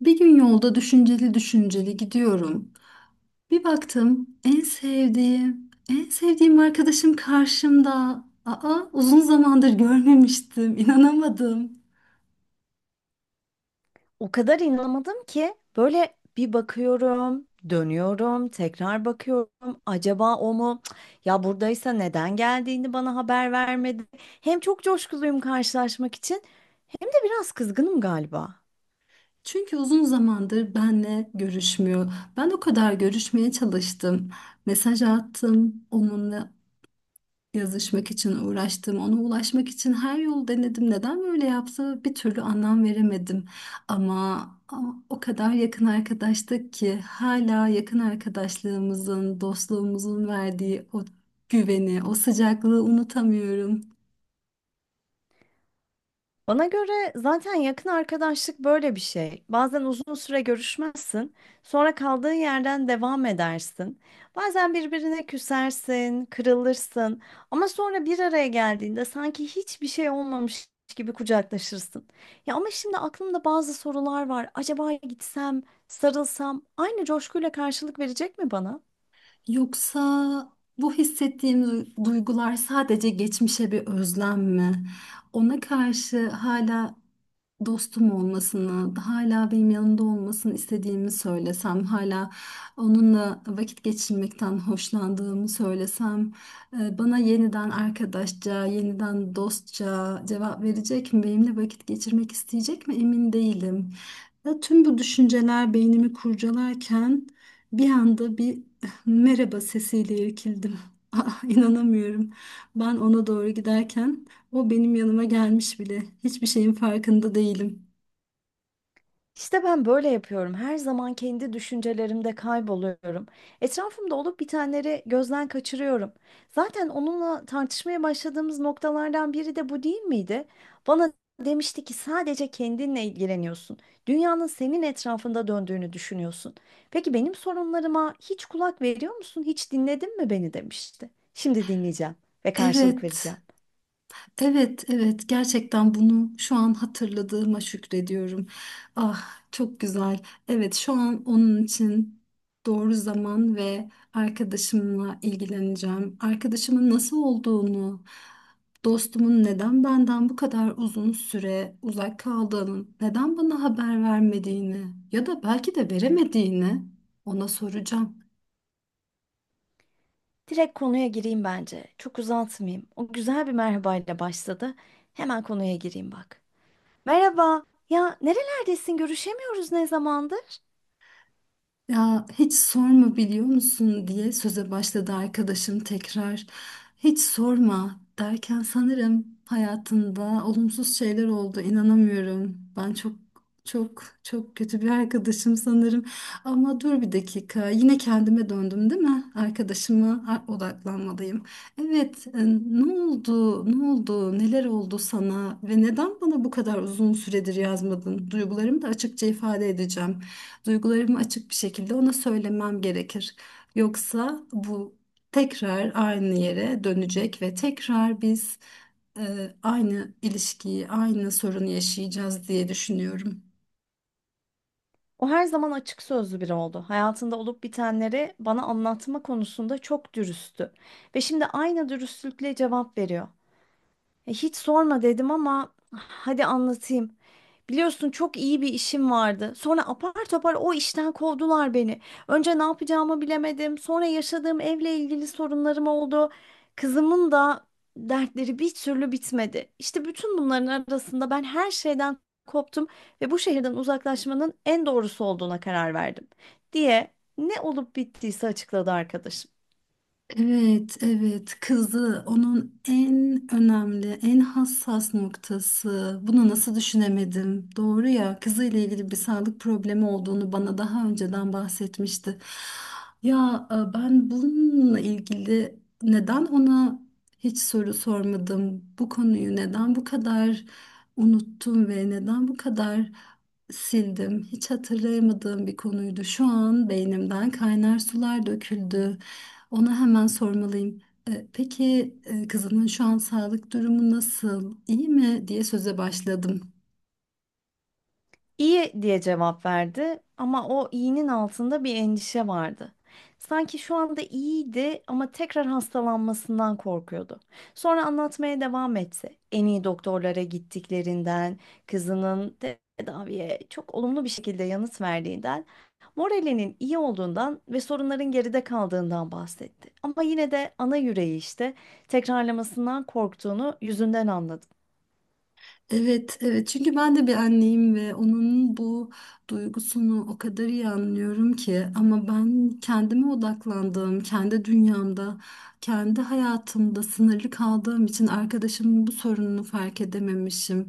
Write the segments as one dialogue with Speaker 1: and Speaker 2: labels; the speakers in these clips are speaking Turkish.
Speaker 1: Bir gün yolda düşünceli düşünceli gidiyorum. Bir baktım en sevdiğim, en sevdiğim arkadaşım karşımda. Aa, uzun zamandır görmemiştim, inanamadım.
Speaker 2: O kadar inanamadım ki böyle bir bakıyorum, dönüyorum, tekrar bakıyorum. Acaba o mu? Cık, ya buradaysa neden geldiğini bana haber vermedi. Hem çok coşkuluyum karşılaşmak için, hem de biraz kızgınım galiba.
Speaker 1: Çünkü uzun zamandır benle görüşmüyor. Ben o kadar görüşmeye çalıştım. Mesaj attım, onunla yazışmak için uğraştım, ona ulaşmak için her yolu denedim. Neden böyle yaptı bir türlü anlam veremedim. Ama o kadar yakın arkadaştık ki hala yakın arkadaşlığımızın, dostluğumuzun verdiği o güveni, o sıcaklığı unutamıyorum.
Speaker 2: Bana göre zaten yakın arkadaşlık böyle bir şey. Bazen uzun süre görüşmezsin, sonra kaldığın yerden devam edersin. Bazen birbirine küsersin, kırılırsın ama sonra bir araya geldiğinde sanki hiçbir şey olmamış gibi kucaklaşırsın. Ya ama şimdi aklımda bazı sorular var. Acaba gitsem, sarılsam aynı coşkuyla karşılık verecek mi bana?
Speaker 1: Yoksa bu hissettiğim duygular sadece geçmişe bir özlem mi? Ona karşı hala dostum olmasını, hala benim yanımda olmasını istediğimi söylesem, hala onunla vakit geçirmekten hoşlandığımı söylesem, bana yeniden arkadaşça, yeniden dostça cevap verecek mi? Benimle vakit geçirmek isteyecek mi? Emin değilim. Ya tüm bu düşünceler beynimi kurcalarken bir anda bir merhaba sesiyle irkildim. Ah, inanamıyorum. Ben ona doğru giderken o benim yanıma gelmiş bile. Hiçbir şeyin farkında değilim.
Speaker 2: İşte ben böyle yapıyorum. Her zaman kendi düşüncelerimde kayboluyorum. Etrafımda olup bitenleri gözden kaçırıyorum. Zaten onunla tartışmaya başladığımız noktalardan biri de bu değil miydi? Bana demişti ki sadece kendinle ilgileniyorsun. Dünyanın senin etrafında döndüğünü düşünüyorsun. Peki benim sorunlarıma hiç kulak veriyor musun? Hiç dinledin mi beni demişti. Şimdi dinleyeceğim ve karşılık vereceğim.
Speaker 1: Evet. Evet, evet, gerçekten bunu şu an hatırladığıma şükrediyorum. Ah, çok güzel. Evet, şu an onun için doğru zaman ve arkadaşımla ilgileneceğim. Arkadaşımın nasıl olduğunu, dostumun neden benden bu kadar uzun süre uzak kaldığını, neden bana haber vermediğini ya da belki de veremediğini ona soracağım.
Speaker 2: Direkt konuya gireyim bence. Çok uzatmayayım. O güzel bir merhabayla başladı. Hemen konuya gireyim bak. Merhaba. Ya nerelerdesin? Görüşemiyoruz ne zamandır?
Speaker 1: Ya hiç sorma biliyor musun diye söze başladı arkadaşım tekrar. Hiç sorma derken sanırım hayatında olumsuz şeyler oldu. İnanamıyorum. Ben çok çok çok kötü bir arkadaşım sanırım. Ama dur bir dakika. Yine kendime döndüm değil mi? Arkadaşıma odaklanmalıyım. Evet, ne oldu? Ne oldu? Neler oldu sana ve neden bana bu kadar uzun süredir yazmadın? Duygularımı da açıkça ifade edeceğim. Duygularımı açık bir şekilde ona söylemem gerekir. Yoksa bu tekrar aynı yere dönecek ve tekrar biz aynı ilişkiyi, aynı sorunu yaşayacağız diye düşünüyorum.
Speaker 2: O her zaman açık sözlü biri oldu. Hayatında olup bitenleri bana anlatma konusunda çok dürüsttü. Ve şimdi aynı dürüstlükle cevap veriyor. Hiç sorma dedim ama hadi anlatayım. Biliyorsun çok iyi bir işim vardı. Sonra apar topar o işten kovdular beni. Önce ne yapacağımı bilemedim. Sonra yaşadığım evle ilgili sorunlarım oldu. Kızımın da dertleri bir türlü bitmedi. İşte bütün bunların arasında ben her şeyden koptum ve bu şehirden uzaklaşmanın en doğrusu olduğuna karar verdim diye ne olup bittiyse açıkladı arkadaşım.
Speaker 1: Evet, evet. Kızı onun en önemli, en hassas noktası. Bunu nasıl düşünemedim? Doğru ya. Kızı ile ilgili bir sağlık problemi olduğunu bana daha önceden bahsetmişti. Ya ben bununla ilgili neden ona hiç soru sormadım? Bu konuyu neden bu kadar unuttum ve neden bu kadar sildim? Hiç hatırlayamadığım bir konuydu. Şu an beynimden kaynar sular döküldü. Ona hemen sormalıyım. Peki, kızının şu an sağlık durumu nasıl? İyi mi diye söze başladım.
Speaker 2: İyi diye cevap verdi ama o iyinin altında bir endişe vardı. Sanki şu anda iyiydi ama tekrar hastalanmasından korkuyordu. Sonra anlatmaya devam etse, en iyi doktorlara gittiklerinden, kızının tedaviye çok olumlu bir şekilde yanıt verdiğinden, moralinin iyi olduğundan ve sorunların geride kaldığından bahsetti. Ama yine de ana yüreği işte tekrarlamasından korktuğunu yüzünden anladım.
Speaker 1: Evet, evet. Çünkü ben de bir anneyim ve onun bu duygusunu o kadar iyi anlıyorum ki ama ben kendime odaklandığım, kendi dünyamda, kendi hayatımda sınırlı kaldığım için arkadaşımın bu sorununu fark edememişim.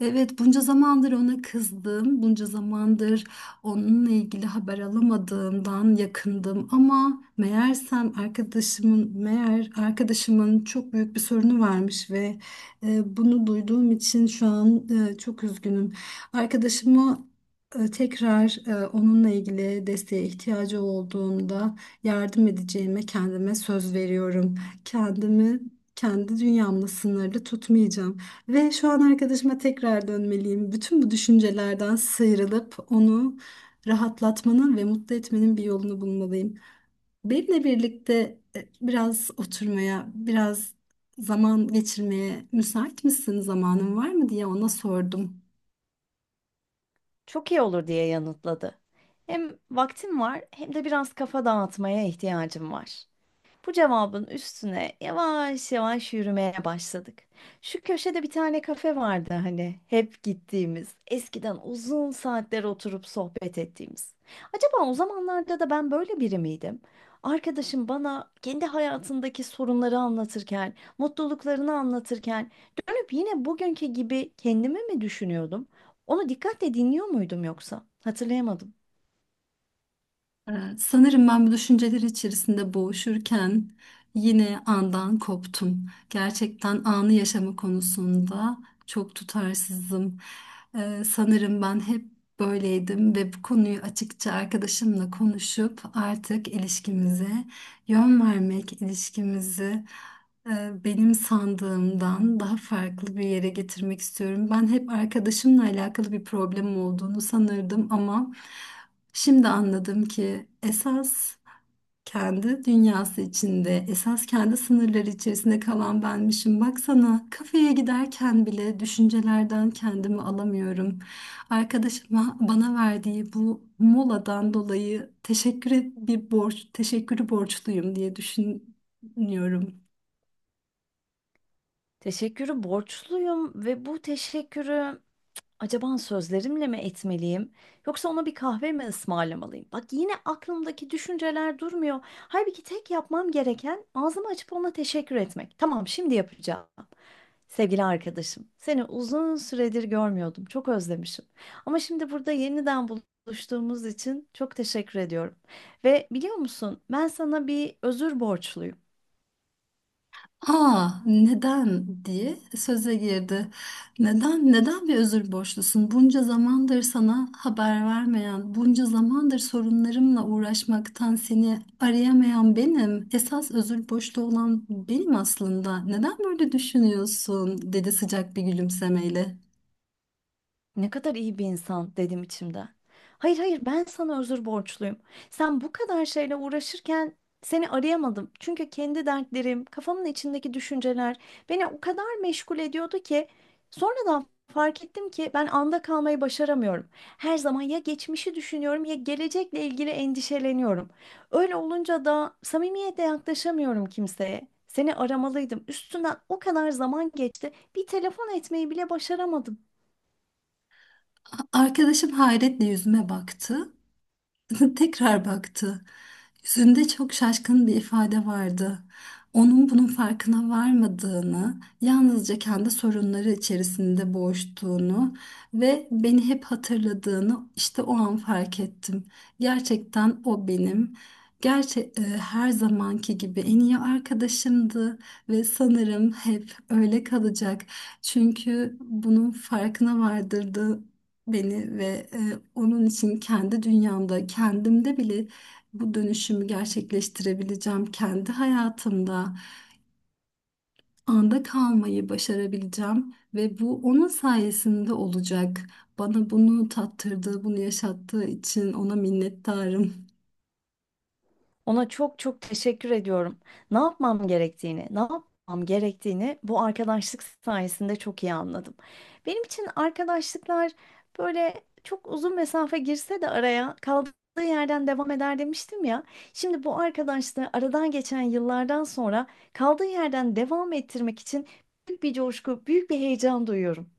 Speaker 1: Evet, bunca zamandır ona kızdım, bunca zamandır onunla ilgili haber alamadığımdan yakındım ama meğer arkadaşımın çok büyük bir sorunu varmış ve bunu duyduğum için şu an çok üzgünüm. Arkadaşımı tekrar, onunla ilgili desteğe ihtiyacı olduğunda yardım edeceğime kendime söz veriyorum. Kendimi kendi dünyamla sınırlı tutmayacağım. Ve şu an arkadaşıma tekrar dönmeliyim. Bütün bu düşüncelerden sıyrılıp onu rahatlatmanın ve mutlu etmenin bir yolunu bulmalıyım. Benimle birlikte biraz oturmaya, biraz zaman geçirmeye müsait misin, zamanın var mı diye ona sordum.
Speaker 2: Çok iyi olur diye yanıtladı. Hem vaktim var hem de biraz kafa dağıtmaya ihtiyacım var. Bu cevabın üstüne yavaş yavaş yürümeye başladık. Şu köşede bir tane kafe vardı hani hep gittiğimiz, eskiden uzun saatler oturup sohbet ettiğimiz. Acaba o zamanlarda da ben böyle biri miydim? Arkadaşım bana kendi hayatındaki sorunları anlatırken, mutluluklarını anlatırken dönüp yine bugünkü gibi kendimi mi düşünüyordum? Onu dikkatle dinliyor muydum yoksa? Hatırlayamadım.
Speaker 1: Sanırım ben bu düşünceler içerisinde boğuşurken yine andan koptum. Gerçekten anı yaşama konusunda çok tutarsızım. Sanırım ben hep böyleydim ve bu konuyu açıkça arkadaşımla konuşup artık ilişkimize yön vermek, ilişkimizi benim sandığımdan daha farklı bir yere getirmek istiyorum. Ben hep arkadaşımla alakalı bir problemim olduğunu sanırdım ama şimdi anladım ki esas kendi dünyası içinde, esas kendi sınırları içerisinde kalan benmişim. Baksana kafeye giderken bile düşüncelerden kendimi alamıyorum. Arkadaşıma bana verdiği bu moladan dolayı bir borç, teşekkürü borçluyum diye düşünüyorum.
Speaker 2: Teşekkürü borçluyum ve bu teşekkürü acaba sözlerimle mi etmeliyim yoksa ona bir kahve mi ısmarlamalıyım? Bak yine aklımdaki düşünceler durmuyor. Halbuki tek yapmam gereken ağzımı açıp ona teşekkür etmek. Tamam, şimdi yapacağım. Sevgili arkadaşım, seni uzun süredir görmüyordum. Çok özlemişim. Ama şimdi burada yeniden buluştuğumuz için çok teşekkür ediyorum. Ve biliyor musun, ben sana bir özür borçluyum.
Speaker 1: Aa, neden diye söze girdi. Neden, neden bir özür borçlusun? Bunca zamandır sana haber vermeyen, bunca zamandır sorunlarımla uğraşmaktan seni arayamayan benim. Esas özür borçlu olan benim aslında. Neden böyle düşünüyorsun, dedi sıcak bir gülümsemeyle.
Speaker 2: Ne kadar iyi bir insan dedim içimden. Hayır hayır ben sana özür borçluyum. Sen bu kadar şeyle uğraşırken seni arayamadım. Çünkü kendi dertlerim, kafamın içindeki düşünceler beni o kadar meşgul ediyordu ki sonradan fark ettim ki ben anda kalmayı başaramıyorum. Her zaman ya geçmişi düşünüyorum ya gelecekle ilgili endişeleniyorum. Öyle olunca da samimiyetle yaklaşamıyorum kimseye. Seni aramalıydım. Üstünden o kadar zaman geçti. Bir telefon etmeyi bile başaramadım.
Speaker 1: Arkadaşım hayretle yüzüme baktı. Tekrar baktı. Yüzünde çok şaşkın bir ifade vardı. Onun bunun farkına varmadığını, yalnızca kendi sorunları içerisinde boğuştuğunu ve beni hep hatırladığını işte o an fark ettim. Gerçekten o benim. Gerçi her zamanki gibi en iyi arkadaşımdı ve sanırım hep öyle kalacak. Çünkü bunun farkına vardırdı beni ve onun için kendi dünyamda, kendimde bile bu dönüşümü gerçekleştirebileceğim, kendi hayatımda anda kalmayı başarabileceğim ve bu onun sayesinde olacak. Bana bunu tattırdığı, bunu yaşattığı için ona minnettarım.
Speaker 2: Ona çok çok teşekkür ediyorum. Ne yapmam gerektiğini bu arkadaşlık sayesinde çok iyi anladım. Benim için arkadaşlıklar böyle çok uzun mesafe girse de araya kaldığı yerden devam eder demiştim ya. Şimdi bu arkadaşlığı aradan geçen yıllardan sonra kaldığı yerden devam ettirmek için büyük bir coşku, büyük bir heyecan duyuyorum.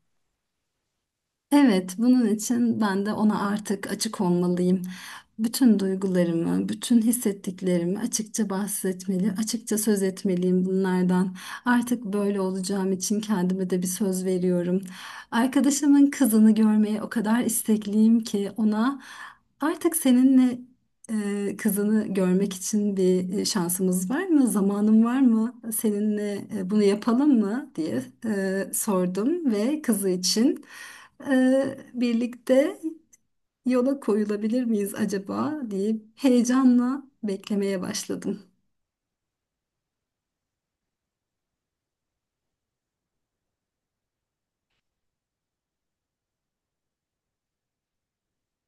Speaker 1: Evet, bunun için ben de ona artık açık olmalıyım. Bütün duygularımı, bütün hissettiklerimi açıkça bahsetmeli, açıkça söz etmeliyim bunlardan. Artık böyle olacağım için kendime de bir söz veriyorum. Arkadaşımın kızını görmeye o kadar istekliyim ki ona artık seninle kızını görmek için bir şansımız var mı? Zamanın var mı? Seninle bunu yapalım mı diye sordum ve kızı için birlikte yola koyulabilir miyiz acaba diye heyecanla beklemeye başladım.